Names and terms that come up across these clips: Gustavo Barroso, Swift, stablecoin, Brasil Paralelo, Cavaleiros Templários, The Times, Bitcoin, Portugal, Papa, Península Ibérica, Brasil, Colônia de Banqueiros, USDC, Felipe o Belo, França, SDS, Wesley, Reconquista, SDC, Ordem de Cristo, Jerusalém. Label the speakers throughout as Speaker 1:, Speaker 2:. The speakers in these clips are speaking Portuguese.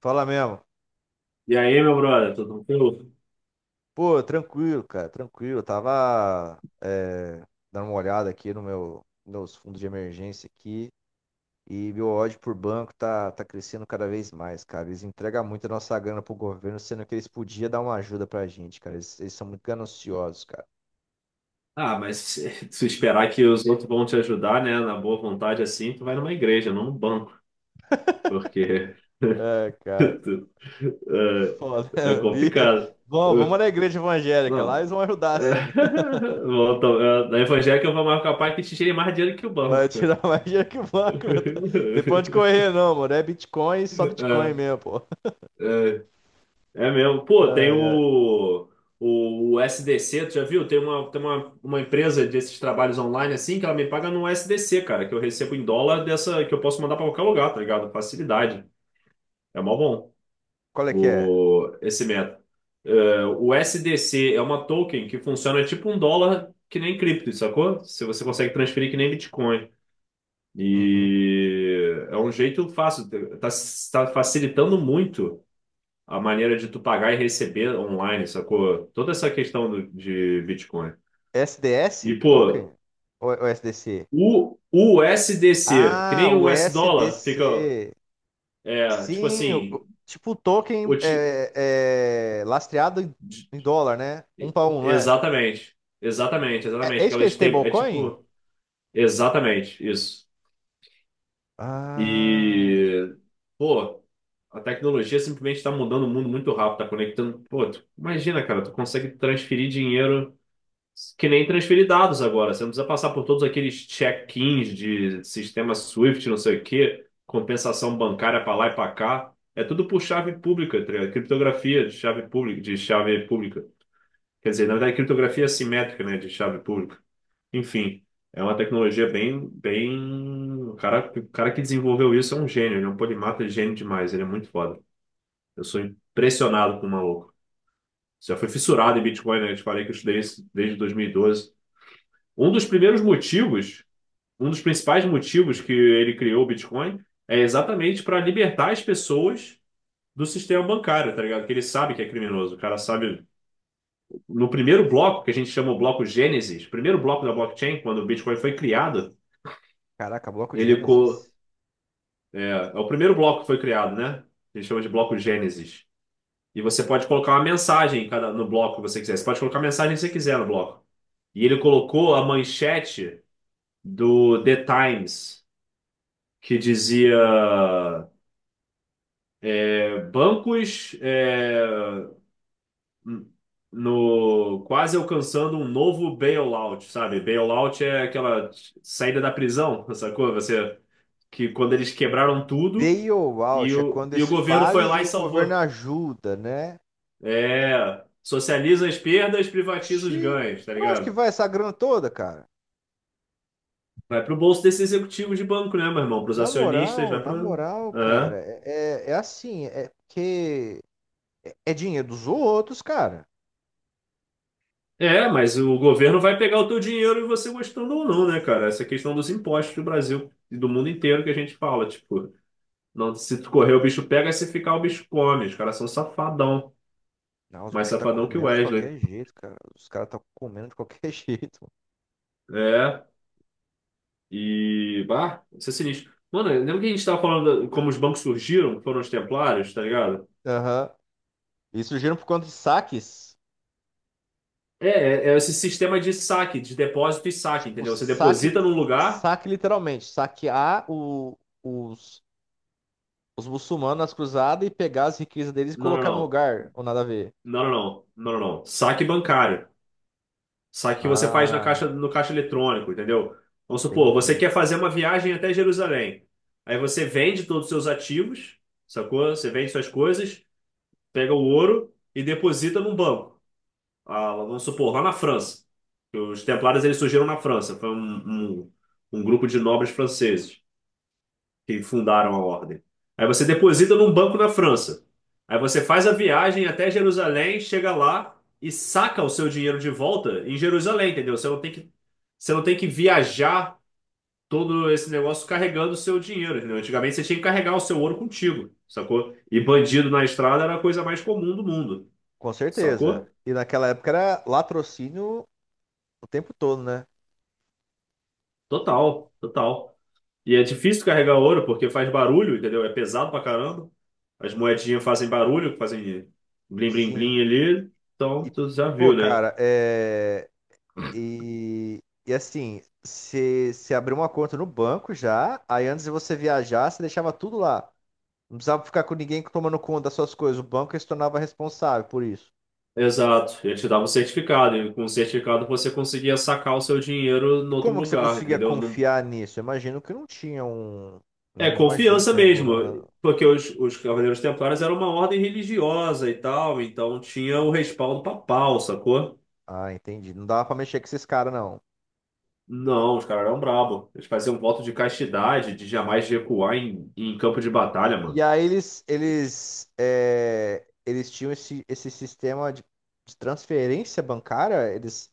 Speaker 1: Fala mesmo.
Speaker 2: E aí, meu brother, tudo tranquilo?
Speaker 1: Pô, tranquilo, cara, tranquilo. Eu tava dando uma olhada aqui no meus fundos de emergência aqui e meu ódio por banco tá crescendo cada vez mais, cara. Eles entregam muito a nossa grana pro governo, sendo que eles podiam dar uma ajuda pra gente, cara. Eles são muito gananciosos, cara.
Speaker 2: Ah, mas se esperar que os outros vão te ajudar, né, na boa vontade assim, tu vai numa igreja, não num banco, porque
Speaker 1: É, cara,
Speaker 2: tu-
Speaker 1: foda.
Speaker 2: é
Speaker 1: ali.
Speaker 2: complicado.
Speaker 1: Bom, vamos
Speaker 2: Eh,
Speaker 1: na igreja evangélica, lá eles
Speaker 2: Não.
Speaker 1: vão ajudar
Speaker 2: É,
Speaker 1: sim.
Speaker 2: volta, na evangélica eu vou mais capaz que te tire mais dinheiro que o banco.
Speaker 1: Vai tirar mais dinheiro que o banco, meu. Tem pra onde correr, não, mano. É Bitcoin, só Bitcoin mesmo, pô.
Speaker 2: É, é mesmo. Pô, tem
Speaker 1: Ai, ai.
Speaker 2: o SDC, tu já viu? Uma empresa desses trabalhos online assim que ela me paga no SDC, cara, que eu recebo em dólar dessa que eu posso mandar pra qualquer lugar, tá ligado? Facilidade. É mó bom
Speaker 1: Qual é que é?
Speaker 2: esse método. É, o SDC é uma token que funciona tipo um dólar que nem cripto, sacou? Se você consegue transferir que nem Bitcoin.
Speaker 1: Uhum.
Speaker 2: E é um jeito fácil, tá, tá facilitando muito a maneira de tu pagar e receber online, sacou? Toda essa questão de Bitcoin.
Speaker 1: SDS?
Speaker 2: E,
Speaker 1: Token?
Speaker 2: pô,
Speaker 1: Ou, é, ou SDC?
Speaker 2: o USDC, que
Speaker 1: Ah,
Speaker 2: nem o
Speaker 1: o
Speaker 2: US dólar, fica,
Speaker 1: SDC.
Speaker 2: tipo
Speaker 1: Sim,
Speaker 2: assim,
Speaker 1: tipo o token
Speaker 2: o ti-
Speaker 1: é lastreado
Speaker 2: de-
Speaker 1: em dólar, né? Um para um, não é?
Speaker 2: exatamente, exatamente,
Speaker 1: É, é
Speaker 2: exatamente, que
Speaker 1: isso que
Speaker 2: ela
Speaker 1: é
Speaker 2: é
Speaker 1: stablecoin?
Speaker 2: tipo, exatamente, isso.
Speaker 1: Ah,
Speaker 2: E, pô, a tecnologia simplesmente está mudando o mundo muito rápido, tá conectando, pô, tu, imagina, cara, tu consegue transferir dinheiro que nem transferir dados agora. Você não precisa passar por todos aqueles check-ins de sistema Swift, não sei o quê, compensação bancária para lá e para cá. É tudo por chave pública, tá ligado? Criptografia de chave pública, de chave pública. Quer dizer, na verdade, criptografia assimétrica, né, de chave pública. Enfim, é uma tecnologia bem, bem. O cara que desenvolveu isso é um gênio, ele é um polimata, ele é gênio demais, ele é muito foda. Eu sou impressionado com o maluco. Já fui fissurado em Bitcoin, né? Eu te falei que eu estudei isso desde 2012. Um dos primeiros motivos, um dos principais motivos que ele criou o Bitcoin é exatamente para libertar as pessoas do sistema bancário, tá ligado? Que ele sabe que é criminoso. O cara sabe. No primeiro bloco, que a gente chama o bloco Gênesis, o primeiro bloco da blockchain, quando o Bitcoin foi criado,
Speaker 1: caraca, bloco de
Speaker 2: ele. co-
Speaker 1: Gênesis.
Speaker 2: é o primeiro bloco que foi criado, né? A gente chama de bloco Gênesis. E você pode colocar uma mensagem em cada, no bloco que você quiser. Você pode colocar a mensagem que você quiser no bloco. E ele colocou a manchete do The Times que dizia bancos no quase alcançando um novo bailout, sabe? Bailout é aquela saída da prisão, sacou? Você que quando eles quebraram tudo e
Speaker 1: Bailout é
Speaker 2: o,
Speaker 1: quando
Speaker 2: e o governo foi
Speaker 1: esfale
Speaker 2: lá
Speaker 1: e
Speaker 2: e
Speaker 1: o governo
Speaker 2: salvou.
Speaker 1: ajuda, né?
Speaker 2: É, socializa as perdas, privatiza os
Speaker 1: Oxi,
Speaker 2: ganhos, tá
Speaker 1: pra onde que
Speaker 2: ligado?
Speaker 1: vai essa grana toda, cara?
Speaker 2: Vai pro bolso desse executivo de banco, né, meu irmão? Pros acionistas, vai
Speaker 1: Na
Speaker 2: pro.
Speaker 1: moral, cara,
Speaker 2: É.
Speaker 1: é assim, é porque é, é dinheiro dos outros, cara.
Speaker 2: É, mas o governo vai pegar o teu dinheiro e você gostando ou não, né, cara? Essa questão dos impostos do Brasil e do mundo inteiro que a gente fala, tipo, não, se tu correr o bicho pega, se ficar o bicho come. Os caras são safadão,
Speaker 1: Não, os
Speaker 2: mais
Speaker 1: bichos tá
Speaker 2: safadão que o
Speaker 1: comendo de
Speaker 2: Wesley.
Speaker 1: qualquer jeito, cara. Os caras tá comendo de qualquer jeito.
Speaker 2: É, e, bah, isso é sinistro. Mano, lembra que a gente tava falando como os bancos surgiram, foram os templários, tá ligado?
Speaker 1: Mano. Aham. Isso gira por conta de saques.
Speaker 2: É, esse sistema de saque, de depósito e saque,
Speaker 1: Tipo,
Speaker 2: entendeu? Você deposita num lugar,
Speaker 1: saque literalmente, saquear os muçulmanos nas cruzadas e pegar as riquezas deles e
Speaker 2: não,
Speaker 1: colocar no
Speaker 2: não,
Speaker 1: lugar, ou nada a ver.
Speaker 2: não, não, não, não, não, não, não. Saque bancário. Só que você faz na caixa,
Speaker 1: Ah,
Speaker 2: no caixa eletrônico, entendeu? Vamos supor, você
Speaker 1: entendi.
Speaker 2: quer fazer uma viagem até Jerusalém. Aí você vende todos os seus ativos, sacou? Você vende suas coisas, pega o ouro e deposita num banco. Ah, vamos supor, lá na França. Os Templários eles surgiram na França. Foi um grupo de nobres franceses que fundaram a ordem. Aí você deposita num banco na França. Aí você faz a viagem até Jerusalém, chega lá e saca o seu dinheiro de volta em Jerusalém, entendeu? Você não tem que viajar todo esse negócio carregando o seu dinheiro, entendeu? Antigamente você tinha que carregar o seu ouro contigo, sacou? E bandido na estrada era a coisa mais comum do mundo,
Speaker 1: Com certeza.
Speaker 2: sacou?
Speaker 1: E naquela época era latrocínio o tempo todo, né?
Speaker 2: Total, total. E é difícil carregar ouro porque faz barulho, entendeu? É pesado pra caramba. As moedinhas fazem barulho, fazem blim blim blim
Speaker 1: Sim.
Speaker 2: ali. Então,
Speaker 1: E,
Speaker 2: tu já
Speaker 1: pô,
Speaker 2: viu, né?
Speaker 1: cara, é. E assim, se abriu uma conta no banco já, aí antes de você viajar, você deixava tudo lá. Não precisava ficar com ninguém tomando conta das suas coisas. O banco se tornava responsável por isso.
Speaker 2: Exato. Ele te dava um certificado. E com o certificado você conseguia sacar o seu dinheiro em
Speaker 1: E
Speaker 2: outro
Speaker 1: como que você
Speaker 2: lugar,
Speaker 1: conseguia
Speaker 2: entendeu? Não.
Speaker 1: confiar nisso? Eu imagino que não tinha
Speaker 2: É
Speaker 1: né, nenhuma
Speaker 2: confiança
Speaker 1: agência
Speaker 2: mesmo.
Speaker 1: regulando.
Speaker 2: Porque os Cavaleiros Templários eram uma ordem religiosa e tal. Então tinha o respaldo papal, sacou?
Speaker 1: Ah, entendi. Não dava pra mexer com esses caras, não.
Speaker 2: Não, os caras eram brabo. Eles faziam voto de castidade, de jamais recuar em campo de batalha,
Speaker 1: E
Speaker 2: mano.
Speaker 1: aí eles tinham esse sistema de transferência bancária, eles.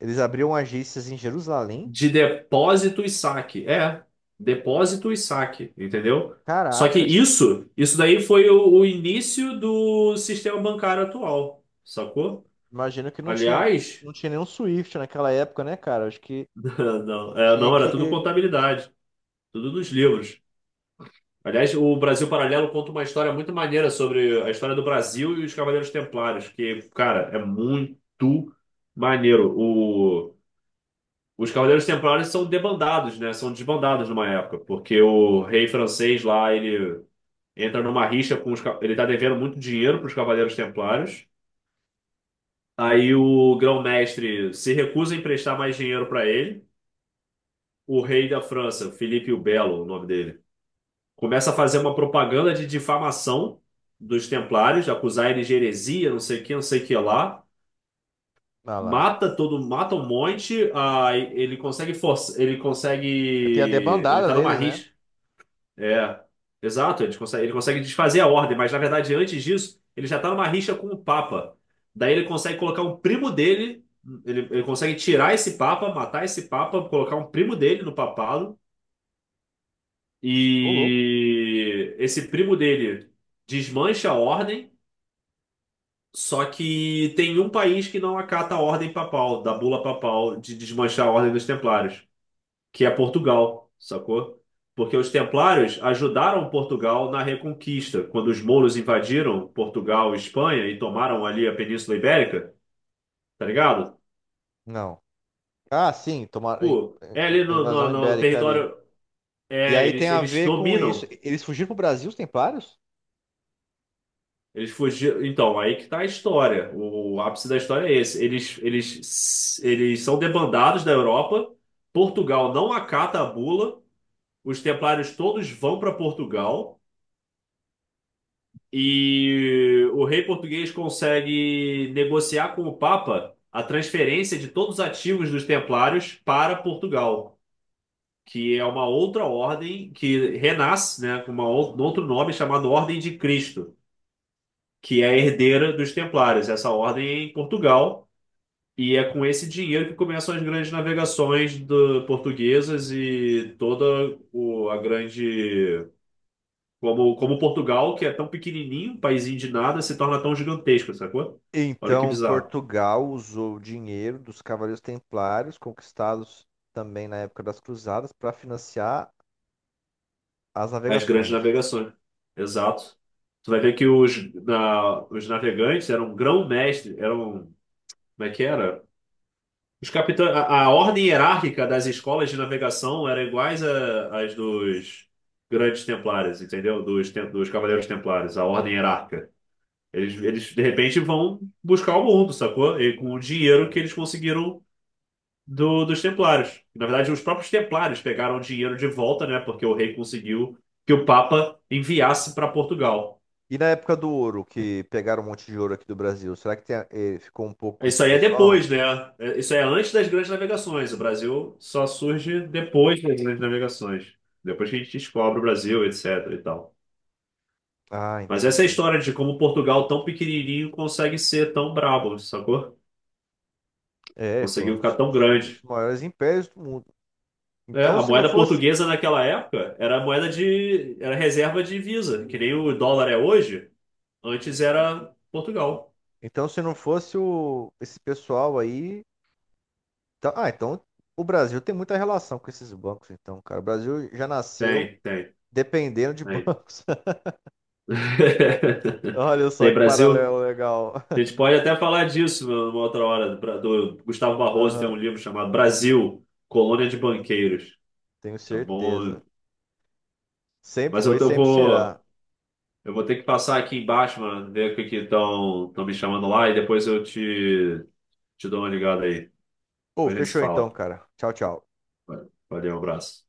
Speaker 1: Eles abriram agências em Jerusalém?
Speaker 2: De depósito e saque. É, depósito e saque, entendeu? Só que
Speaker 1: Caraca,
Speaker 2: isso daí foi o início do sistema bancário atual, sacou?
Speaker 1: imagino que não tinha,
Speaker 2: Aliás,
Speaker 1: não tinha nenhum Swift naquela época, né, cara? Acho que
Speaker 2: não,
Speaker 1: tinha
Speaker 2: não, era
Speaker 1: que.
Speaker 2: tudo contabilidade, tudo nos livros. Aliás, o Brasil Paralelo conta uma história muito maneira sobre a história do Brasil e os Cavaleiros Templários, que, cara, é muito maneiro. Os Cavaleiros Templários são debandados, né? São desbandados numa época, porque o rei francês lá, ele entra numa rixa com os. Ele tá devendo muito dinheiro para os Cavaleiros Templários. Aí o grão-mestre se recusa a emprestar mais dinheiro para ele. O rei da França, Felipe o Belo, o nome dele, começa a fazer uma propaganda de difamação dos Templários, acusar eles de heresia, não sei o que, não sei o que lá.
Speaker 1: Ah lá.
Speaker 2: Mata todo, mata um monte, aí ele consegue força, ele consegue,
Speaker 1: Tem a
Speaker 2: ele
Speaker 1: debandada
Speaker 2: tá numa
Speaker 1: deles, né?
Speaker 2: rixa. É, exato, ele consegue desfazer a ordem, mas na verdade, antes disso, ele já está numa rixa com o Papa. Daí ele consegue colocar um primo dele, ele consegue tirar esse Papa, matar esse Papa, colocar um primo dele no papado,
Speaker 1: Ô, louco.
Speaker 2: e esse primo dele desmancha a ordem, só que tem um país que não acata a ordem papal, da bula papal, de desmanchar a ordem dos Templários, que é Portugal, sacou? Porque os Templários ajudaram Portugal na Reconquista, quando os mouros invadiram Portugal e Espanha e tomaram ali a Península Ibérica, tá ligado?
Speaker 1: Não. Ah, sim,
Speaker 2: Pô,
Speaker 1: em-
Speaker 2: é ali
Speaker 1: a
Speaker 2: no,
Speaker 1: invasão
Speaker 2: no
Speaker 1: ibérica ali.
Speaker 2: território.
Speaker 1: E
Speaker 2: É,
Speaker 1: aí tem
Speaker 2: eles,
Speaker 1: a
Speaker 2: eles
Speaker 1: ver com isso.
Speaker 2: dominam.
Speaker 1: Eles fugiram pro Brasil, os templários?
Speaker 2: Eles fugiram. Então, aí que tá a história. O ápice da história é esse. Eles são debandados da Europa. Portugal não acata a bula. Os templários todos vão para Portugal. E o rei português consegue negociar com o Papa a transferência de todos os ativos dos Templários para Portugal, que é uma outra ordem que renasce, né, com um outro nome chamado Ordem de Cristo, que é a herdeira dos Templários. Essa ordem é em Portugal e é com esse dinheiro que começam as grandes navegações portuguesas e toda a grande como Portugal, que é tão pequenininho, um paísinho de nada, se torna tão gigantesco, sacou? Olha que
Speaker 1: Então,
Speaker 2: bizarro.
Speaker 1: Portugal usou o dinheiro dos Cavaleiros Templários, conquistados também na época das Cruzadas, para financiar as
Speaker 2: As grandes
Speaker 1: navegações.
Speaker 2: navegações. Exato. Tu vai ver que os, os navegantes eram grão-mestre, eram. Como é que era? Os capitães, a ordem hierárquica das escolas de navegação era iguais às dos grandes templários, entendeu? Dos cavaleiros templários, a ordem hierárquica. De repente, vão buscar o mundo, sacou? E com o dinheiro que eles conseguiram dos Templários. Na verdade, os próprios Templários pegaram o dinheiro de volta, né? Porque o rei conseguiu que o Papa enviasse para Portugal.
Speaker 1: E na época do ouro, que pegaram um monte de ouro aqui do Brasil, será que tem, ficou um pouco com esse
Speaker 2: Isso aí é
Speaker 1: pessoal?
Speaker 2: depois, né? Isso é antes das grandes navegações. O Brasil só surge depois das grandes navegações. Depois que a gente descobre o Brasil, etc. e tal.
Speaker 1: Ah,
Speaker 2: Mas essa é a
Speaker 1: entendi.
Speaker 2: história de como Portugal, tão pequenininho, consegue ser tão brabo, sacou?
Speaker 1: É,
Speaker 2: Conseguiu ficar tão
Speaker 1: foi um dos
Speaker 2: grande.
Speaker 1: maiores impérios do mundo.
Speaker 2: É,
Speaker 1: Então,
Speaker 2: a
Speaker 1: se não
Speaker 2: moeda
Speaker 1: fosse,
Speaker 2: portuguesa naquela época era a moeda de, era reserva de divisa, que nem o dólar é hoje. Antes era Portugal.
Speaker 1: então, se não fosse esse pessoal aí. Então o Brasil tem muita relação com esses bancos, então, cara. O Brasil já nasceu
Speaker 2: Tem, tem,
Speaker 1: dependendo de
Speaker 2: tem.
Speaker 1: bancos. Olha só
Speaker 2: Tem
Speaker 1: que
Speaker 2: Brasil?
Speaker 1: paralelo legal.
Speaker 2: A gente pode até falar disso numa outra hora. Do Gustavo Barroso tem
Speaker 1: Aham,
Speaker 2: um livro chamado Brasil, Colônia de Banqueiros.
Speaker 1: tenho
Speaker 2: É bom.
Speaker 1: certeza. Sempre
Speaker 2: Mas
Speaker 1: foi,
Speaker 2: eu, eu
Speaker 1: sempre será.
Speaker 2: vou, eu vou ter que passar aqui embaixo, mano, ver o que que estão me chamando lá e depois eu te dou uma ligada aí.
Speaker 1: Pô,
Speaker 2: Depois a gente se
Speaker 1: fechou então,
Speaker 2: fala.
Speaker 1: cara. Tchau, tchau.
Speaker 2: Valeu, um abraço.